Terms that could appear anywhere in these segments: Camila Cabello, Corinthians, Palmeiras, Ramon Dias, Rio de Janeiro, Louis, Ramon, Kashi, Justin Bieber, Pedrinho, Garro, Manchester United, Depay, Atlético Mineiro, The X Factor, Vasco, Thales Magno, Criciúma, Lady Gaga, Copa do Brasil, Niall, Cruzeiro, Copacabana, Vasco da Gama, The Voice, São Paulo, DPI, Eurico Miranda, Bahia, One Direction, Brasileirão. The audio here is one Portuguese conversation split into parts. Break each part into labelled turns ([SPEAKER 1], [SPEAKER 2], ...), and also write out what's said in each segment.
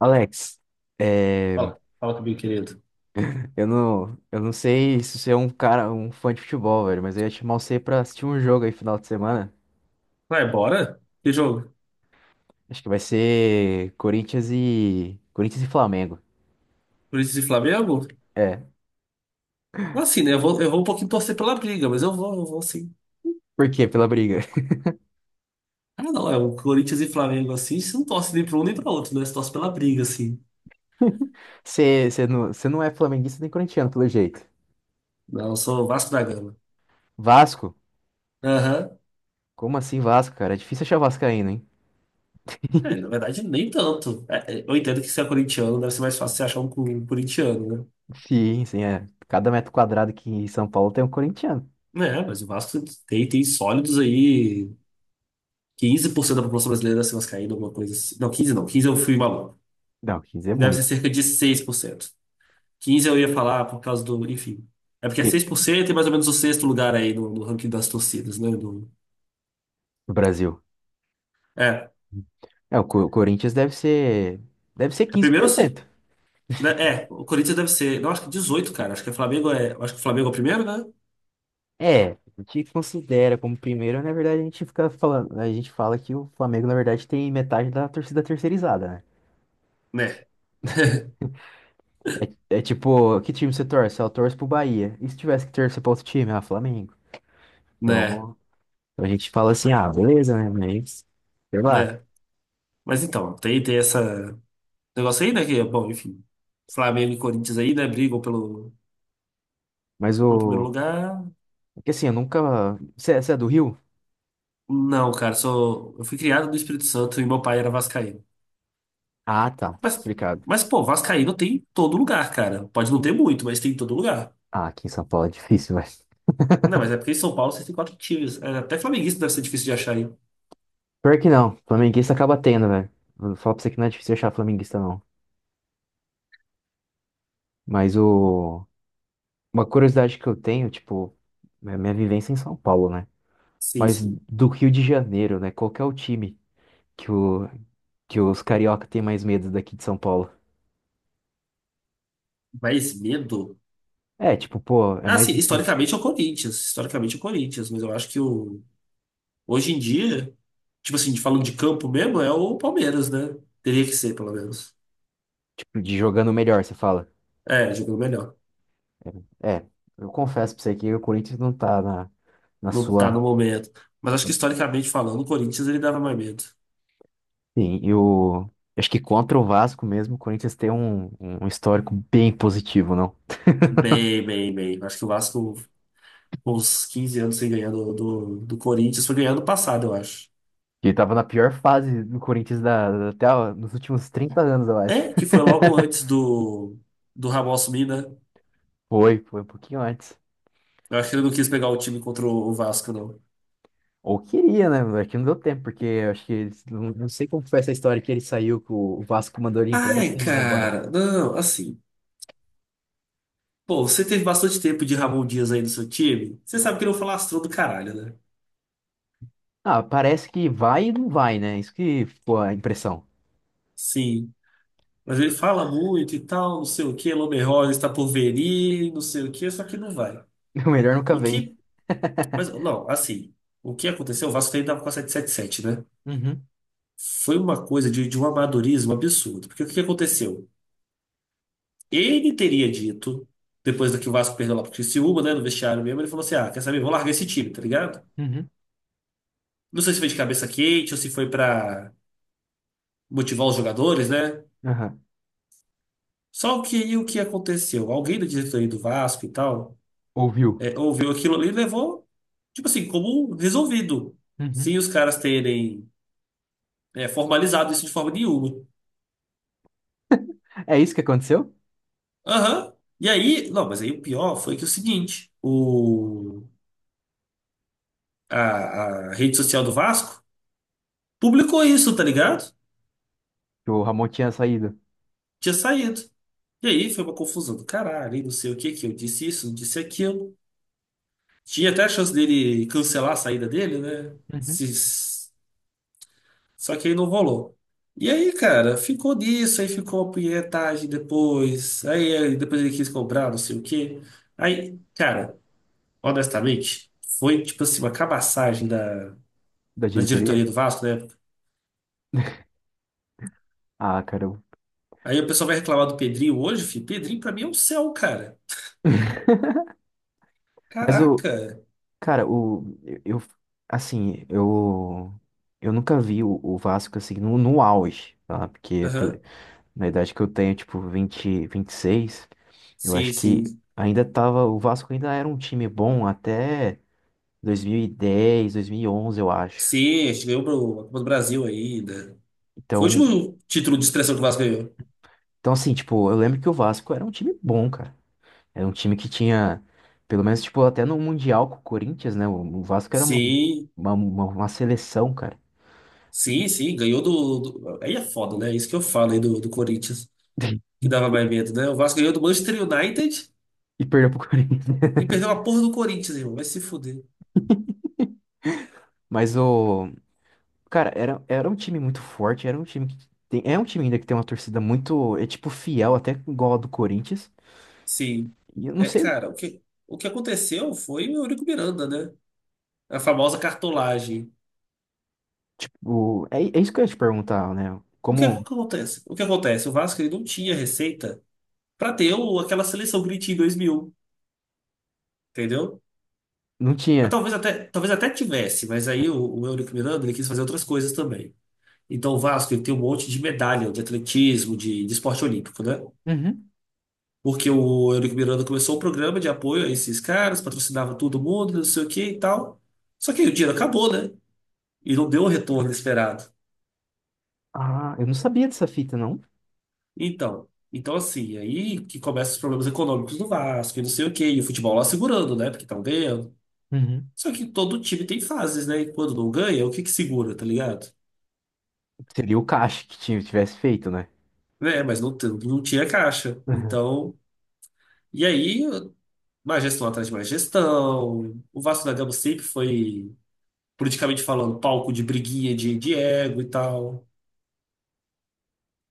[SPEAKER 1] Alex, é,
[SPEAKER 2] Fala, fala comigo, querido.
[SPEAKER 1] eu não sei se você é um fã de futebol, velho, mas eu ia te chamar você pra assistir um jogo aí final de semana.
[SPEAKER 2] Vai, bora? Que jogo?
[SPEAKER 1] Acho que vai ser Corinthians e Flamengo.
[SPEAKER 2] Corinthians e Flamengo?
[SPEAKER 1] É,
[SPEAKER 2] Assim, né? Eu vou um pouquinho torcer pela briga, mas eu vou sim.
[SPEAKER 1] por quê? Pela briga.
[SPEAKER 2] Ah, não, é o Corinthians e Flamengo assim, você não torce nem pra um nem pra outro, né? Você torce pela briga, assim.
[SPEAKER 1] Você não é flamenguista nem corintiano, pelo jeito.
[SPEAKER 2] Não, eu sou o Vasco da Gama.
[SPEAKER 1] Vasco?
[SPEAKER 2] Aham.
[SPEAKER 1] Como assim Vasco, cara? É difícil achar vascaíno, hein?
[SPEAKER 2] É, na verdade, nem tanto. É, eu entendo que se é corintiano, deve ser mais fácil você achar um corintiano,
[SPEAKER 1] Sim, sim, é. Cada metro quadrado aqui em São Paulo tem um corintiano.
[SPEAKER 2] né? É, mas o Vasco tem sólidos aí. 15% da população brasileira deve ser vascaína, alguma coisa assim. Não, 15 não, 15 eu fui maluco.
[SPEAKER 1] Não, 15 é
[SPEAKER 2] Deve ser
[SPEAKER 1] muito.
[SPEAKER 2] cerca de 6%. 15 eu ia falar por causa do. Enfim. É porque é
[SPEAKER 1] E,
[SPEAKER 2] 6% e mais ou menos o sexto lugar aí no ranking das torcidas, né? Do,
[SPEAKER 1] no Brasil.
[SPEAKER 2] é.
[SPEAKER 1] É, Corinthians deve ser
[SPEAKER 2] É
[SPEAKER 1] quinze
[SPEAKER 2] primeiro
[SPEAKER 1] por
[SPEAKER 2] ou se.
[SPEAKER 1] cento.
[SPEAKER 2] Né, é, o Corinthians deve ser. Não, acho que 18, cara. Acho que o Flamengo é. Acho que o Flamengo é o primeiro, né?
[SPEAKER 1] É, a gente considera como primeiro, na verdade a gente fica falando, a gente fala que o Flamengo, na verdade, tem metade da torcida terceirizada, né?
[SPEAKER 2] Né.
[SPEAKER 1] É, é tipo, que time você torce? Ah, eu torço pro Bahia. E se tivesse que torcer pra outro time? Ah, Flamengo.
[SPEAKER 2] Né.
[SPEAKER 1] Então, então a gente fala assim, ah, beleza, né? Mas, sei lá.
[SPEAKER 2] Né. Mas então, tem essa negócio aí, né? Que, bom, enfim. Flamengo e Corinthians aí, né? Brigam pelo,
[SPEAKER 1] Mas
[SPEAKER 2] pelo primeiro
[SPEAKER 1] o.
[SPEAKER 2] lugar.
[SPEAKER 1] É que assim, eu nunca. Você é do Rio?
[SPEAKER 2] Não, cara, sou. Eu fui criado no Espírito Santo e meu pai era vascaíno.
[SPEAKER 1] Ah, tá.
[SPEAKER 2] Mas,
[SPEAKER 1] Explicado.
[SPEAKER 2] mas pô, vascaíno tem em todo lugar, cara. Pode não ter muito, mas tem em todo lugar.
[SPEAKER 1] Ah, aqui em São Paulo é difícil, velho.
[SPEAKER 2] Não, mas é porque em São Paulo você tem quatro times. É, até flamenguista deve ser difícil de achar, hein?
[SPEAKER 1] Pior que não. Flamenguista acaba tendo, velho. Vou falar pra você que não é difícil achar flamenguista, não. Mas o. Uma curiosidade que eu tenho, tipo, é a minha vivência em São Paulo, né?
[SPEAKER 2] Sim,
[SPEAKER 1] Mas
[SPEAKER 2] sim.
[SPEAKER 1] do Rio de Janeiro, né? Qual que é o time que, o, que os carioca têm mais medo daqui de São Paulo?
[SPEAKER 2] Mas medo?
[SPEAKER 1] É, tipo, pô, é
[SPEAKER 2] Ah,
[SPEAKER 1] mais
[SPEAKER 2] sim,
[SPEAKER 1] difícil.
[SPEAKER 2] historicamente é o Corinthians. Historicamente é o Corinthians, mas eu acho que o. Hoje em dia, tipo assim, falando de campo mesmo, é o Palmeiras, né? Teria que ser, pelo menos.
[SPEAKER 1] Tipo, de jogando melhor, você fala.
[SPEAKER 2] É, jogando melhor.
[SPEAKER 1] É, eu confesso pra você que o Corinthians não tá na, na
[SPEAKER 2] Não tá
[SPEAKER 1] sua.
[SPEAKER 2] no momento. Mas acho que historicamente falando, o Corinthians ele dava mais medo.
[SPEAKER 1] Sim, e o. Acho que contra o Vasco mesmo, o Corinthians tem um histórico bem positivo, não?
[SPEAKER 2] Bem, bem, bem. Acho que o Vasco, com uns 15 anos sem ganhar do Corinthians, foi ganhar ano passado, eu acho.
[SPEAKER 1] Ele tava na pior fase do Corinthians até ó, nos últimos 30 anos, eu acho.
[SPEAKER 2] É, que foi logo antes do Ramon assumir, né?
[SPEAKER 1] Foi um pouquinho antes.
[SPEAKER 2] Eu acho que ele não quis pegar o time contra o Vasco, não.
[SPEAKER 1] Ou queria, né? É que não deu tempo, porque eu acho que eles, não sei como foi essa história que ele saiu, que o Vasco mandou ele embora
[SPEAKER 2] Ai,
[SPEAKER 1] sem mandar embora.
[SPEAKER 2] cara, não, assim. Pô, você teve bastante tempo de Ramon Dias aí no seu time. Você sabe que ele é um falastrão do caralho, né?
[SPEAKER 1] Ah, parece que vai e não vai, né? Isso que ficou a impressão.
[SPEAKER 2] Sim. Mas ele fala muito e tal, não sei o quê. Lomer Rosa está por venir, não sei o quê, só que não vai.
[SPEAKER 1] O melhor nunca
[SPEAKER 2] O
[SPEAKER 1] vem.
[SPEAKER 2] que. Mas, não, assim. O que aconteceu? O Vasco ainda estava com a sete, né?
[SPEAKER 1] Uhum,
[SPEAKER 2] Foi uma coisa de um amadorismo absurdo. Porque o que aconteceu? Ele teria dito, depois do que o Vasco perdeu lá pro Criciúma, né, no vestiário mesmo, ele falou assim: ah, quer saber, vou largar esse time, tá ligado?
[SPEAKER 1] uhum,
[SPEAKER 2] Não sei se foi de cabeça quente ou se foi pra motivar os jogadores, né?
[SPEAKER 1] aham.
[SPEAKER 2] Só que aí o que aconteceu? Alguém da diretoria do Vasco e tal
[SPEAKER 1] Ouviu?
[SPEAKER 2] ouviu aquilo ali e levou, tipo assim, como resolvido,
[SPEAKER 1] Uhum.
[SPEAKER 2] sem os caras terem formalizado isso de forma nenhuma.
[SPEAKER 1] É isso que aconteceu?
[SPEAKER 2] Aham. E aí, não, mas aí o pior foi que é o seguinte: o, a rede social do Vasco publicou isso, tá ligado?
[SPEAKER 1] Que o Ramon tinha saído?
[SPEAKER 2] Tinha saído. E aí foi uma confusão do caralho, e não sei o que que eu disse isso, não disse aquilo. Tinha até a chance dele cancelar a saída dele, né?
[SPEAKER 1] Uhum.
[SPEAKER 2] Só que aí não rolou. E aí, cara, ficou nisso, aí ficou a punhetagem depois. Aí depois ele quis cobrar, não sei o quê. Aí, cara, honestamente, foi tipo assim, uma cabaçagem da,
[SPEAKER 1] Da
[SPEAKER 2] da
[SPEAKER 1] diretoria?
[SPEAKER 2] diretoria do Vasco na época.
[SPEAKER 1] Ah, cara.
[SPEAKER 2] Aí o pessoal vai reclamar do Pedrinho hoje, filho. Pedrinho pra mim é um céu, cara.
[SPEAKER 1] Mas o.
[SPEAKER 2] Caraca.
[SPEAKER 1] Cara, o. Eu. eu- Assim, eu. Eu nunca vi o Vasco assim no auge, tá? Porque
[SPEAKER 2] Aham.
[SPEAKER 1] na idade que eu tenho, tipo, 26, eu
[SPEAKER 2] Sim,
[SPEAKER 1] acho que
[SPEAKER 2] sim.
[SPEAKER 1] ainda tava, o Vasco ainda era um time bom até dois mil mil e dez, 2011, eu acho.
[SPEAKER 2] Sim, a gente ganhou a Copa do Brasil ainda. Foi o
[SPEAKER 1] Então,
[SPEAKER 2] último título de expressão que o Vasco ganhou.
[SPEAKER 1] tipo, eu lembro que o Vasco era um time bom, cara. Era um time que tinha, pelo menos, tipo, até no Mundial com o Corinthians, né? O Vasco era
[SPEAKER 2] Sim,
[SPEAKER 1] uma seleção, cara.
[SPEAKER 2] sim,
[SPEAKER 1] E,
[SPEAKER 2] sim, ganhou. Aí é foda, né? Isso que eu falo aí do Corinthians, que dava mais medo, né? O Vasco ganhou do Manchester United
[SPEAKER 1] e perdeu pro Corinthians.
[SPEAKER 2] e perdeu a porra do Corinthians, irmão. Vai se fuder.
[SPEAKER 1] Mas o, cara, era um time muito forte, era um time que tem, é um time ainda que tem uma torcida muito, é tipo, fiel, até igual a do Corinthians.
[SPEAKER 2] Sim.
[SPEAKER 1] E eu não
[SPEAKER 2] É,
[SPEAKER 1] sei,
[SPEAKER 2] cara, o que aconteceu foi o Eurico Miranda, né? A famosa cartolagem.
[SPEAKER 1] tipo, é isso que eu ia te perguntar, né?
[SPEAKER 2] O que
[SPEAKER 1] Como
[SPEAKER 2] acontece? O que acontece? O Vasco ele não tinha receita pra ter aquela seleção que ele tinha em 2000, entendeu?
[SPEAKER 1] não
[SPEAKER 2] Mas
[SPEAKER 1] tinha.
[SPEAKER 2] talvez até tivesse, mas aí o Eurico Miranda ele quis fazer outras coisas também. Então o Vasco ele tem um monte de medalha de atletismo, de esporte olímpico, né?
[SPEAKER 1] Uhum.
[SPEAKER 2] Porque o Eurico Miranda começou um programa de apoio a esses caras, patrocinava todo mundo, não sei o que e tal. Só que aí o dinheiro acabou, né? E não deu o retorno esperado.
[SPEAKER 1] Ah, eu não sabia dessa fita, não.
[SPEAKER 2] Então assim, aí que começam os problemas econômicos do Vasco e não sei o que E o futebol lá segurando, né? Porque estão ganhando.
[SPEAKER 1] Uhum.
[SPEAKER 2] Só que todo time tem fases, né? E quando não ganha, o que que segura, tá ligado?
[SPEAKER 1] Seria o Kashi que tivesse feito, né?
[SPEAKER 2] É, mas não, não tinha caixa.
[SPEAKER 1] Uhum.
[SPEAKER 2] Então, e aí, mais gestão atrás de mais gestão. O Vasco da Gama sempre foi, politicamente falando, palco de briguinha de ego e tal.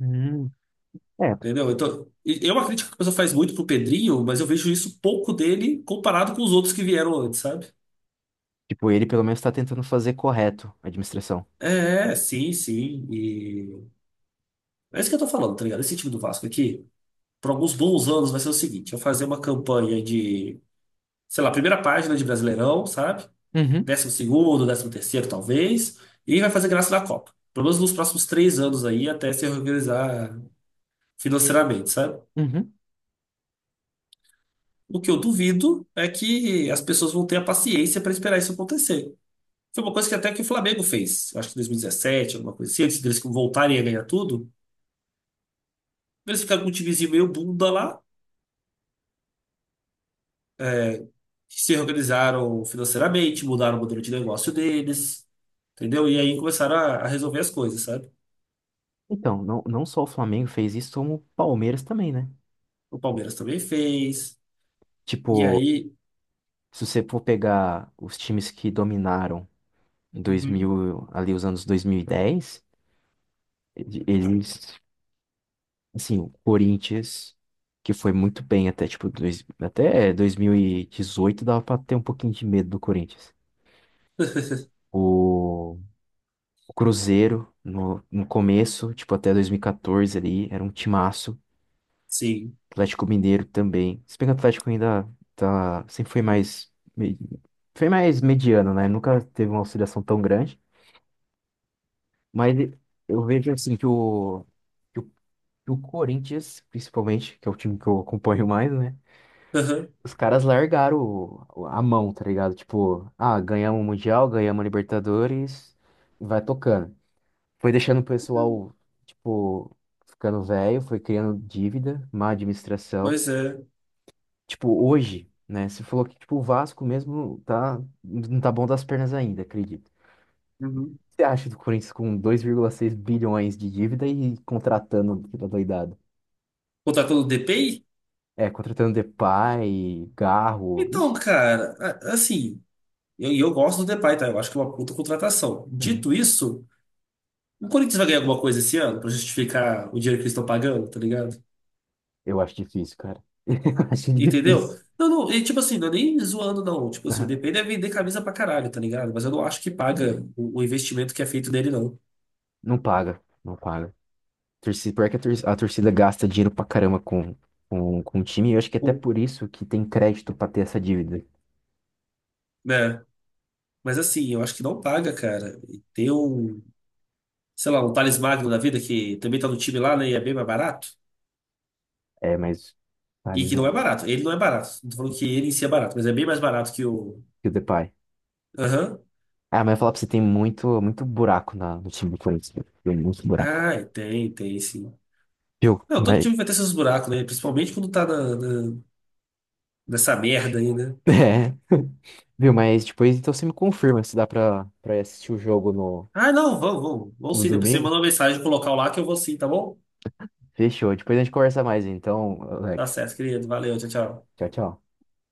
[SPEAKER 1] Hum. É,
[SPEAKER 2] Entendeu? Então, é uma crítica que a pessoa faz muito pro Pedrinho, mas eu vejo isso pouco dele comparado com os outros que vieram antes, sabe?
[SPEAKER 1] tipo, ele pelo menos tá tentando fazer correto a administração.
[SPEAKER 2] É, sim, sim. E é isso que eu tô falando, tá ligado? Esse time do Vasco aqui, por alguns bons anos, vai ser o seguinte: eu fazer uma campanha de, sei lá, primeira página de Brasileirão, sabe?
[SPEAKER 1] Uhum.
[SPEAKER 2] Décimo segundo, décimo terceiro, talvez, e vai fazer graça na Copa. Pelo menos nos próximos 3 anos aí, até se organizar financeiramente, sabe?
[SPEAKER 1] Uhum.
[SPEAKER 2] O que eu duvido é que as pessoas vão ter a paciência para esperar isso acontecer. Foi uma coisa que até que o Flamengo fez, acho que em 2017, alguma coisa assim, antes deles voltarem a ganhar tudo, eles ficaram com um timezinho meio bunda lá, que se organizaram financeiramente, mudaram o modelo de negócio deles, entendeu? E aí começaram a resolver as coisas, sabe?
[SPEAKER 1] Então, não, não só o Flamengo fez isso, como o Palmeiras também, né?
[SPEAKER 2] O Palmeiras também fez, e
[SPEAKER 1] Tipo,
[SPEAKER 2] aí.
[SPEAKER 1] se você for pegar os times que dominaram em
[SPEAKER 2] Uhum.
[SPEAKER 1] 2000, ali os anos 2010, eles assim, o Corinthians, que foi muito bem até, tipo, até 2018 dava pra ter um pouquinho de medo do Corinthians. O, o Cruzeiro, no começo, tipo, até 2014 ali, era um timaço.
[SPEAKER 2] Sim.
[SPEAKER 1] Atlético Mineiro também. Se bem que o Atlético ainda tá, sempre foi mais, foi mais mediano, né? Nunca teve uma oscilação tão grande. Mas eu vejo, assim, que o, que o Corinthians, principalmente, que é o time que eu acompanho mais, né?
[SPEAKER 2] Aham.
[SPEAKER 1] Os caras largaram a mão, tá ligado? Tipo, ah, ganhamos o Mundial, ganhamos a Libertadores, e vai tocando. Foi deixando o pessoal, tipo, ficando velho, foi criando dívida, má administração.
[SPEAKER 2] Pois é.
[SPEAKER 1] Tipo, hoje, né? Você falou que, tipo, o Vasco mesmo tá, não tá bom das pernas ainda, acredito. O
[SPEAKER 2] Uhum.
[SPEAKER 1] que você acha do Corinthians com 2,6 bilhões de dívida e contratando aquela doidada?
[SPEAKER 2] Contratou o DPI?
[SPEAKER 1] É, contratando Depay, Garro.
[SPEAKER 2] Então,
[SPEAKER 1] Ixi,
[SPEAKER 2] cara, assim, e eu gosto do Depay, tá? Eu acho que é uma puta contratação.
[SPEAKER 1] uhum.
[SPEAKER 2] Dito isso, o Corinthians vai ganhar alguma coisa esse ano pra justificar o dinheiro que eles estão pagando, tá ligado?
[SPEAKER 1] Eu acho difícil, cara. Eu acho
[SPEAKER 2] Entendeu?
[SPEAKER 1] difícil.
[SPEAKER 2] Não, não, e tipo assim, não é nem zoando, não. Tipo assim, o
[SPEAKER 1] Aham.
[SPEAKER 2] DPI deve vender camisa pra caralho, tá ligado? Mas eu não acho que paga o investimento que é feito nele, não.
[SPEAKER 1] Não paga, não paga. Pior que a torcida gasta dinheiro pra caramba com o time, e eu acho que é até
[SPEAKER 2] O-
[SPEAKER 1] por isso que tem crédito pra ter essa dívida.
[SPEAKER 2] né? Mas assim, eu acho que não paga, cara. E tem um, sei lá, um Thales Magno da vida que também tá no time lá, né? E é bem mais barato.
[SPEAKER 1] É, mas
[SPEAKER 2] E que não é
[SPEAKER 1] analisando.
[SPEAKER 2] barato. Ele não é barato. Não tô falando que ele em si é barato, mas é bem mais barato que o.
[SPEAKER 1] E o Depay.
[SPEAKER 2] Aham.
[SPEAKER 1] Ah, mas eu ia falar pra você, tem muito, muito buraco na, no time do Corinthians. Viu? Tem muito buraco.
[SPEAKER 2] Ah, tem sim.
[SPEAKER 1] Viu?
[SPEAKER 2] Não, todo
[SPEAKER 1] Mas.
[SPEAKER 2] time vai ter seus buracos, né? Principalmente quando tá nessa merda aí, né?
[SPEAKER 1] É, viu? Mas depois então você me confirma se dá pra, pra assistir o jogo
[SPEAKER 2] Ah, não, vamos, vamos. Vamos
[SPEAKER 1] no
[SPEAKER 2] sim. Depois você
[SPEAKER 1] domingo.
[SPEAKER 2] manda uma mensagem pro local lá que eu vou sim, tá bom?
[SPEAKER 1] Fechou. Depois a gente conversa mais, então,
[SPEAKER 2] Tá
[SPEAKER 1] Alex.
[SPEAKER 2] certo, querido. Valeu, tchau, tchau.
[SPEAKER 1] Tchau, tchau.